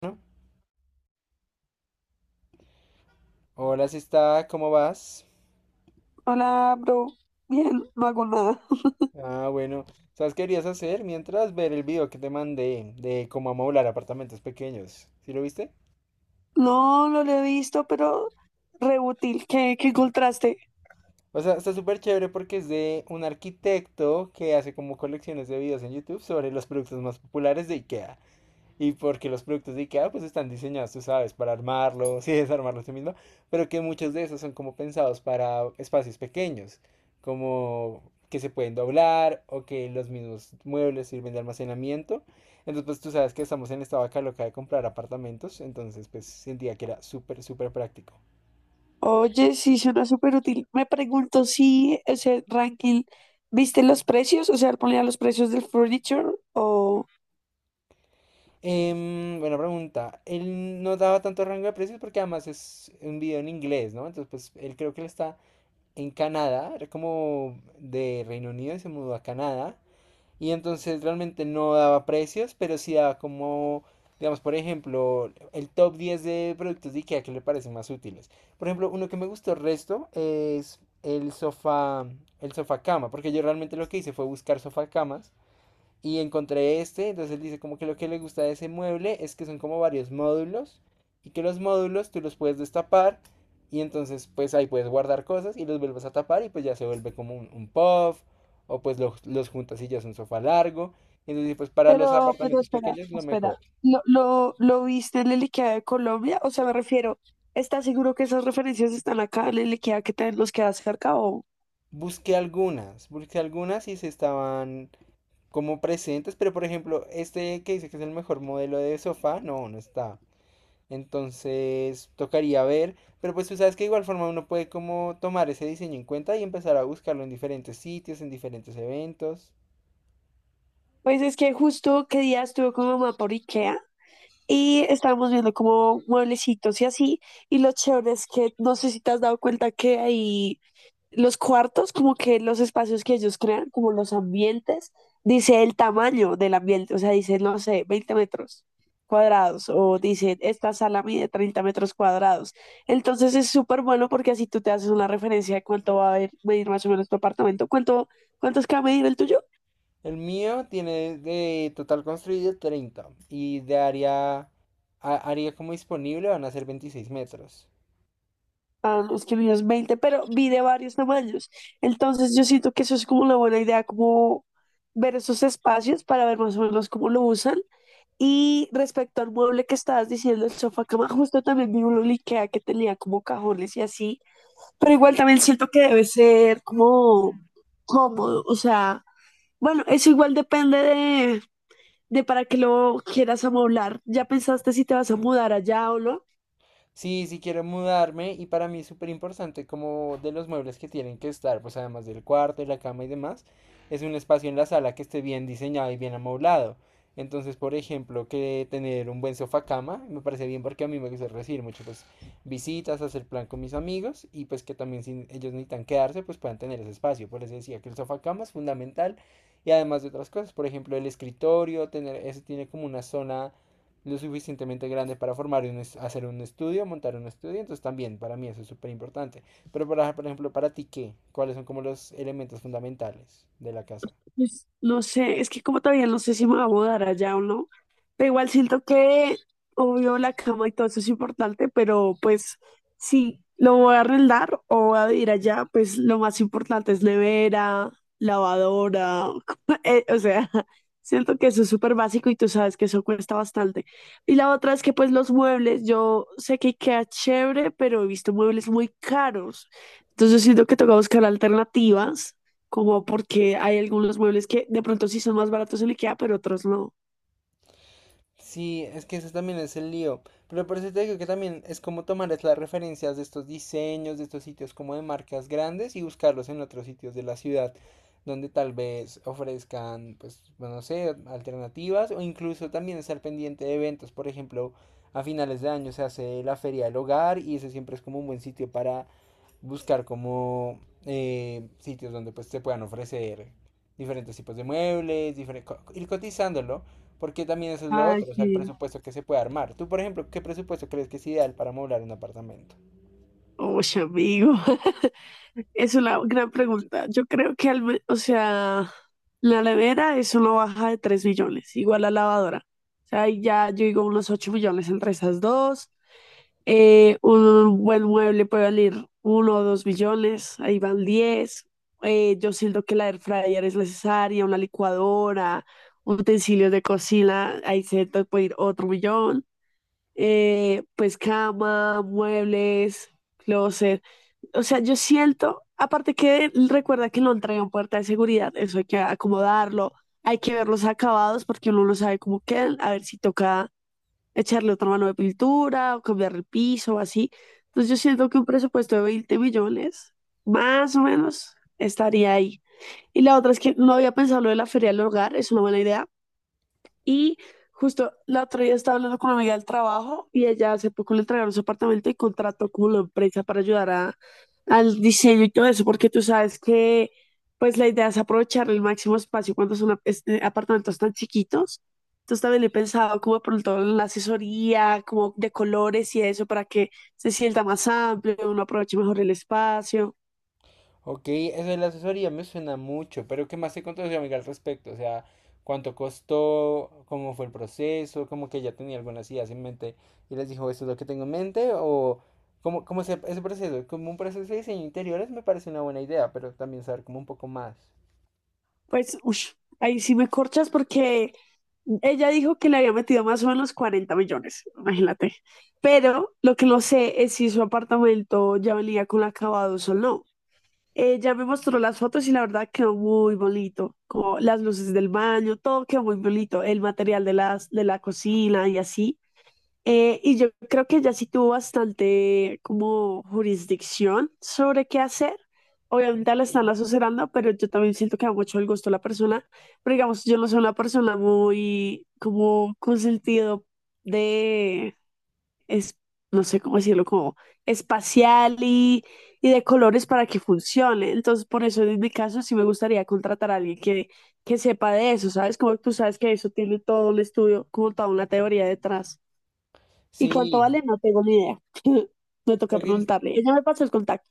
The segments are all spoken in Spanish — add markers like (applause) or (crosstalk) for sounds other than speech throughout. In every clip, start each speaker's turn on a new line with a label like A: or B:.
A: Bueno, hola, si está, ¿cómo vas?
B: Hola, bro. Bien, no hago nada. (laughs)
A: Ah, bueno, ¿sabes qué querías hacer? Mientras ver el video que te mandé de cómo amoblar apartamentos pequeños. ¿Sí lo viste?
B: No, no lo he visto, pero re útil. ¿Qué encontraste?
A: O sea, está súper chévere porque es de un arquitecto que hace como colecciones de videos en YouTube sobre los productos más populares de IKEA. Y porque los productos de IKEA pues están diseñados, tú sabes, para armarlos (laughs) y desarmarlos tú mismo, pero que muchos de esos son como pensados para espacios pequeños, como que se pueden doblar o que los mismos muebles sirven de almacenamiento. Entonces pues tú sabes que estamos en esta vaca loca de comprar apartamentos, entonces pues sentía que era súper, súper práctico.
B: Oye, sí, suena súper útil. Me pregunto si ese ranking, ¿viste los precios? O sea, ponía los precios del furniture o.
A: Buena pregunta. Él no daba tanto rango de precios porque además es un video en inglés, ¿no? Entonces pues él creo que le está en Canadá, era como de Reino Unido y se mudó a Canadá. Y entonces realmente no daba precios, pero sí daba como, digamos, por ejemplo, el top 10 de productos de IKEA que le parecen más útiles. Por ejemplo, uno que me gustó el resto es el sofá cama, porque yo realmente lo que hice fue buscar sofá camas y encontré este, entonces él dice como que lo que le gusta de ese mueble es que son como varios módulos y que los módulos tú los puedes destapar y entonces pues ahí puedes guardar cosas y los vuelves a tapar y pues ya se vuelve como un puff o pues los juntas y ya es un sofá largo. Entonces pues para los
B: Pero
A: apartamentos
B: espera,
A: pequeños lo mejor.
B: espera. ¿Lo viste en el IKEA de Colombia? O sea, me refiero, ¿estás seguro que esas referencias están acá en el IKEA que nos queda cerca o?
A: Busqué algunas y se estaban como presentes, pero por ejemplo este que dice que es el mejor modelo de sofá, no, no está. Entonces tocaría ver, pero pues tú sabes que de igual forma uno puede como tomar ese diseño en cuenta y empezar a buscarlo en diferentes sitios, en diferentes eventos.
B: Pues es que justo qué día estuve con mi mamá por IKEA y estábamos viendo como mueblecitos y así. Y lo chévere es que no sé si te has dado cuenta que ahí los cuartos, como que los espacios que ellos crean, como los ambientes, dice el tamaño del ambiente. O sea, dice, no sé, 20 metros cuadrados. O dice, esta sala mide 30 metros cuadrados. Entonces es súper bueno porque así tú te haces una referencia de cuánto va a medir más o menos tu apartamento. ¿Cuánto es que va a medir el tuyo?
A: El mío tiene de total construido 30 y de área, área como disponible van a ser 26 metros.
B: Ah, no, es que el mío es 20, pero vi de varios tamaños. Entonces yo siento que eso es como una buena idea, como ver esos espacios para ver más o menos cómo lo usan. Y respecto al mueble que estabas diciendo, el sofá cama, justo también vi uno en IKEA que tenía como cajones y así. Pero igual también siento que debe ser como cómodo. O sea, bueno, eso igual depende de para qué lo quieras amoblar. ¿Ya pensaste si te vas a mudar allá o no?
A: Sí, sí quiero mudarme y para mí es súper importante como de los muebles que tienen que estar, pues además del cuarto, de la cama y demás, es un espacio en la sala que esté bien diseñado y bien amoblado. Entonces, por ejemplo, que tener un buen sofá cama, me parece bien porque a mí me gusta recibir mucho pues visitas, hacer plan con mis amigos y pues que también si ellos necesitan quedarse, pues puedan tener ese espacio. Por eso decía que el sofá cama es fundamental y además de otras cosas, por ejemplo, el escritorio, tener eso tiene como una zona lo suficientemente grande para formar un hacer un estudio, montar un estudio, entonces también para mí eso es súper importante. Pero para, por ejemplo, para ti, ¿qué? ¿Cuáles son como los elementos fundamentales de la casa?
B: Pues, no sé, es que como todavía no sé si me voy a mudar allá o no, pero igual siento que, obvio, la cama y todo eso es importante, pero pues si lo voy a arrendar o voy a vivir allá, pues lo más importante es nevera, lavadora, (laughs) o sea, (laughs) siento que eso es súper básico y tú sabes que eso cuesta bastante. Y la otra es que pues los muebles, yo sé que queda chévere, pero he visto muebles muy caros, entonces siento que toca buscar alternativas como porque hay algunos muebles que de pronto sí son más baratos en IKEA, pero otros no.
A: Sí, es que eso también es el lío. Pero por eso te digo que también es como tomar es las referencias de estos diseños, de estos sitios como de marcas grandes y buscarlos en otros sitios de la ciudad donde tal vez ofrezcan, pues, bueno, no sé, alternativas o incluso también estar pendiente de eventos. Por ejemplo, a finales de año se hace la Feria del Hogar y eso siempre es como un buen sitio para buscar como sitios donde pues se puedan ofrecer diferentes tipos de muebles, diferentes, ir cotizándolo, porque también eso es lo
B: Ay,
A: otro, o sea, el
B: sí.
A: presupuesto que se puede armar. Tú, por ejemplo, ¿qué presupuesto crees que es ideal para moblar un apartamento?
B: Oye, amigo, (laughs) es una gran pregunta. Yo creo que, o sea, la nevera es una baja de 3 millones, igual la lavadora. O sea, ahí ya yo digo unos 8 millones entre esas dos. Un buen mueble puede valer 1 o 2 millones, ahí van 10. Yo siento que la air fryer es necesaria, una licuadora, utensilios de cocina, ahí se te puede ir otro millón. Pues cama, muebles, closet. O sea, yo siento, aparte que recuerda que lo entregan puerta de seguridad, eso hay que acomodarlo, hay que ver los acabados porque uno no sabe cómo quedan, a ver si toca echarle otra mano de pintura o cambiar el piso o así. Entonces yo siento que un presupuesto de 20 millones, más o menos, estaría ahí. Y la otra es que no había pensado lo de la feria del hogar, es una buena idea. Y justo la otra día estaba hablando con una amiga del trabajo y ella hace poco le entregaron su apartamento y contrató como la empresa para ayudar al diseño y todo eso, porque tú sabes que pues la idea es aprovechar el máximo espacio cuando son apartamentos tan chiquitos. Entonces también he pensado como de pronto en la asesoría, como de colores y eso, para que se sienta más amplio, uno aproveche mejor el espacio.
A: Ok, eso de la asesoría me suena mucho, pero ¿qué más te contó su amiga al respecto? O sea, ¿cuánto costó? ¿Cómo fue el proceso? ¿Cómo que ella tenía algunas ideas en mente y les dijo, esto es lo que tengo en mente? ¿O cómo ese proceso? Como un proceso de diseño de interiores me parece una buena idea, pero también saber como un poco más.
B: Pues, ush, ahí sí me corchas porque ella dijo que le había metido más o menos 40 millones, imagínate. Pero lo que no sé es si su apartamento ya venía con acabados o no. Ella me mostró las fotos y la verdad quedó muy bonito, como las luces del baño, todo quedó muy bonito, el material de las de la cocina y así. Y yo creo que ella sí tuvo bastante como jurisdicción sobre qué hacer. Obviamente la están asesorando, pero yo también siento que da mucho el gusto a la persona. Pero digamos, yo no soy una persona muy como con sentido de, es, no sé cómo decirlo, como espacial y de colores para que funcione. Entonces, por eso en mi caso sí me gustaría contratar a alguien que sepa de eso, ¿sabes? Como tú sabes que eso tiene todo un estudio, como toda una teoría detrás. ¿Y cuánto
A: Sí,
B: vale? No tengo ni idea. (laughs) Me toca
A: creo que
B: preguntarle. Ella me pasó el contacto.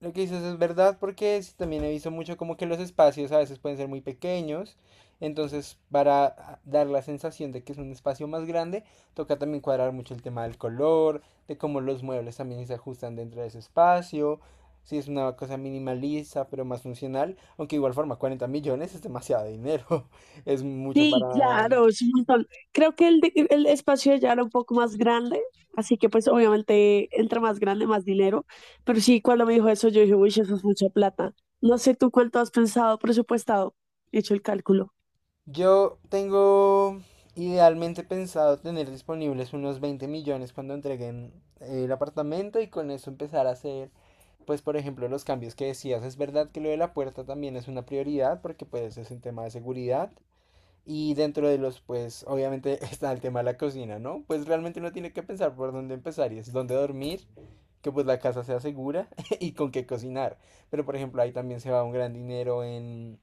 A: lo que dices es verdad porque sí, también he visto mucho como que los espacios a veces pueden ser muy pequeños, entonces para dar la sensación de que es un espacio más grande, toca también cuadrar mucho el tema del color, de cómo los muebles también se ajustan dentro de ese espacio, si es una cosa minimalista pero más funcional, aunque de igual forma 40 millones es demasiado dinero, (laughs) es mucho
B: Sí,
A: para...
B: claro, es un montón. Creo que el espacio ya era un poco más grande, así que pues obviamente entre más grande, más dinero. Pero sí, cuando me dijo eso, yo dije, uy, eso es mucha plata. No sé tú cuánto has pensado, presupuestado, hecho el cálculo.
A: Yo tengo idealmente pensado tener disponibles unos 20 millones cuando entreguen el apartamento y con eso empezar a hacer, pues por ejemplo, los cambios que decías. Es verdad que lo de la puerta también es una prioridad porque pues es un tema de seguridad y dentro de los, pues obviamente (laughs) está el tema de la cocina, ¿no? Pues realmente uno tiene que pensar por dónde empezar y es dónde dormir, que pues la casa sea segura (laughs) y con qué cocinar. Pero por ejemplo, ahí también se va un gran dinero en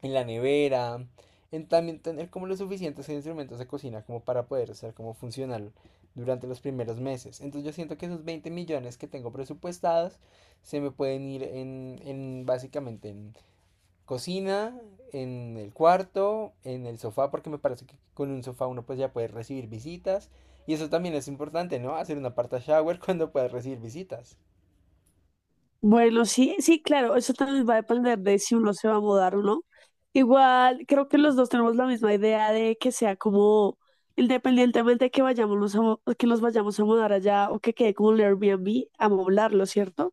A: la nevera, en también tener como los suficientes instrumentos de cocina como para poder ser como funcional durante los primeros meses. Entonces yo siento que esos 20 millones que tengo presupuestados se me pueden ir en, básicamente en cocina, en el cuarto, en el sofá, porque me parece que con un sofá uno pues ya puede recibir visitas. Y eso también es importante, ¿no? Hacer una parta shower (laughs) cuando puedas recibir visitas.
B: Bueno, sí, sí, claro, eso también va a depender de si uno se va a mudar o no. Igual, creo que los dos tenemos la misma idea de que sea como, independientemente de que nos vayamos a mudar allá o que quede como un Airbnb, amoblarlo, ¿cierto?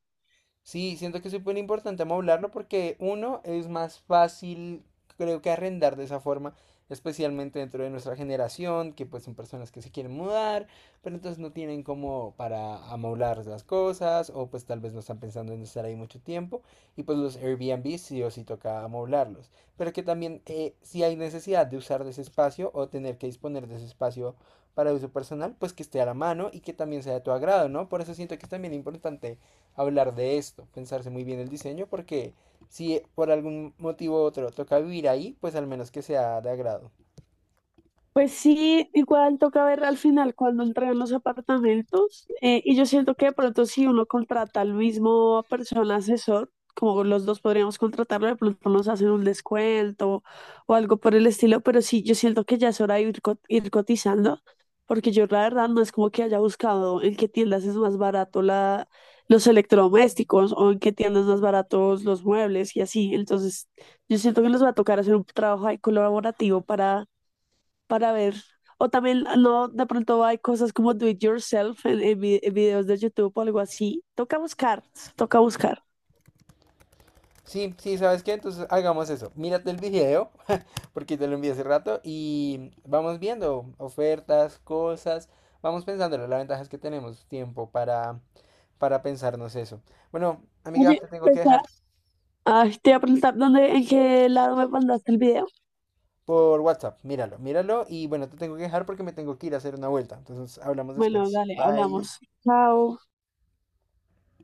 A: Sí, siento que es súper importante hablarlo porque uno es más fácil, creo que arrendar de esa forma, especialmente dentro de nuestra generación, que pues son personas que se quieren mudar, pero entonces no tienen como para amoblar las cosas o pues tal vez no están pensando en estar ahí mucho tiempo y pues los Airbnb sí o sí toca amoblarlos, pero que también si hay necesidad de usar de ese espacio o tener que disponer de ese espacio para uso personal, pues que esté a la mano y que también sea de tu agrado, ¿no? Por eso siento que es también importante hablar de esto, pensarse muy bien el diseño, porque si por algún motivo u otro toca vivir ahí, pues al menos que sea de agrado.
B: Pues sí, igual toca ver al final cuando entregan los apartamentos. Y yo siento que de pronto si uno contrata al mismo persona asesor, como los dos podríamos contratarlo, de pronto nos hacen un descuento o algo por el estilo. Pero sí, yo siento que ya es hora de ir cotizando, porque yo la verdad no es como que haya buscado en qué tiendas es más barato los electrodomésticos o en qué tiendas más baratos los muebles y así. Entonces, yo siento que nos va a tocar hacer un trabajo ahí colaborativo para ver. O también no, de pronto hay cosas como do it yourself en, en videos de YouTube o algo así. Toca buscar, toca buscar.
A: Sí, sí, ¿sabes qué? Entonces hagamos eso. Mírate el video, (laughs) porque te lo envié hace rato, y vamos viendo ofertas, cosas, vamos pensándolo. La ventaja es que tenemos tiempo para pensarnos eso. Bueno, amiga,
B: Oye,
A: te tengo que
B: pues,
A: dejar
B: ah, ay, te voy a preguntar dónde, en qué lado me mandaste el video.
A: por WhatsApp. Míralo, míralo, y bueno, te tengo que dejar porque me tengo que ir a hacer una vuelta. Entonces hablamos
B: Bueno,
A: después.
B: dale,
A: Bye.
B: hablamos. Chao.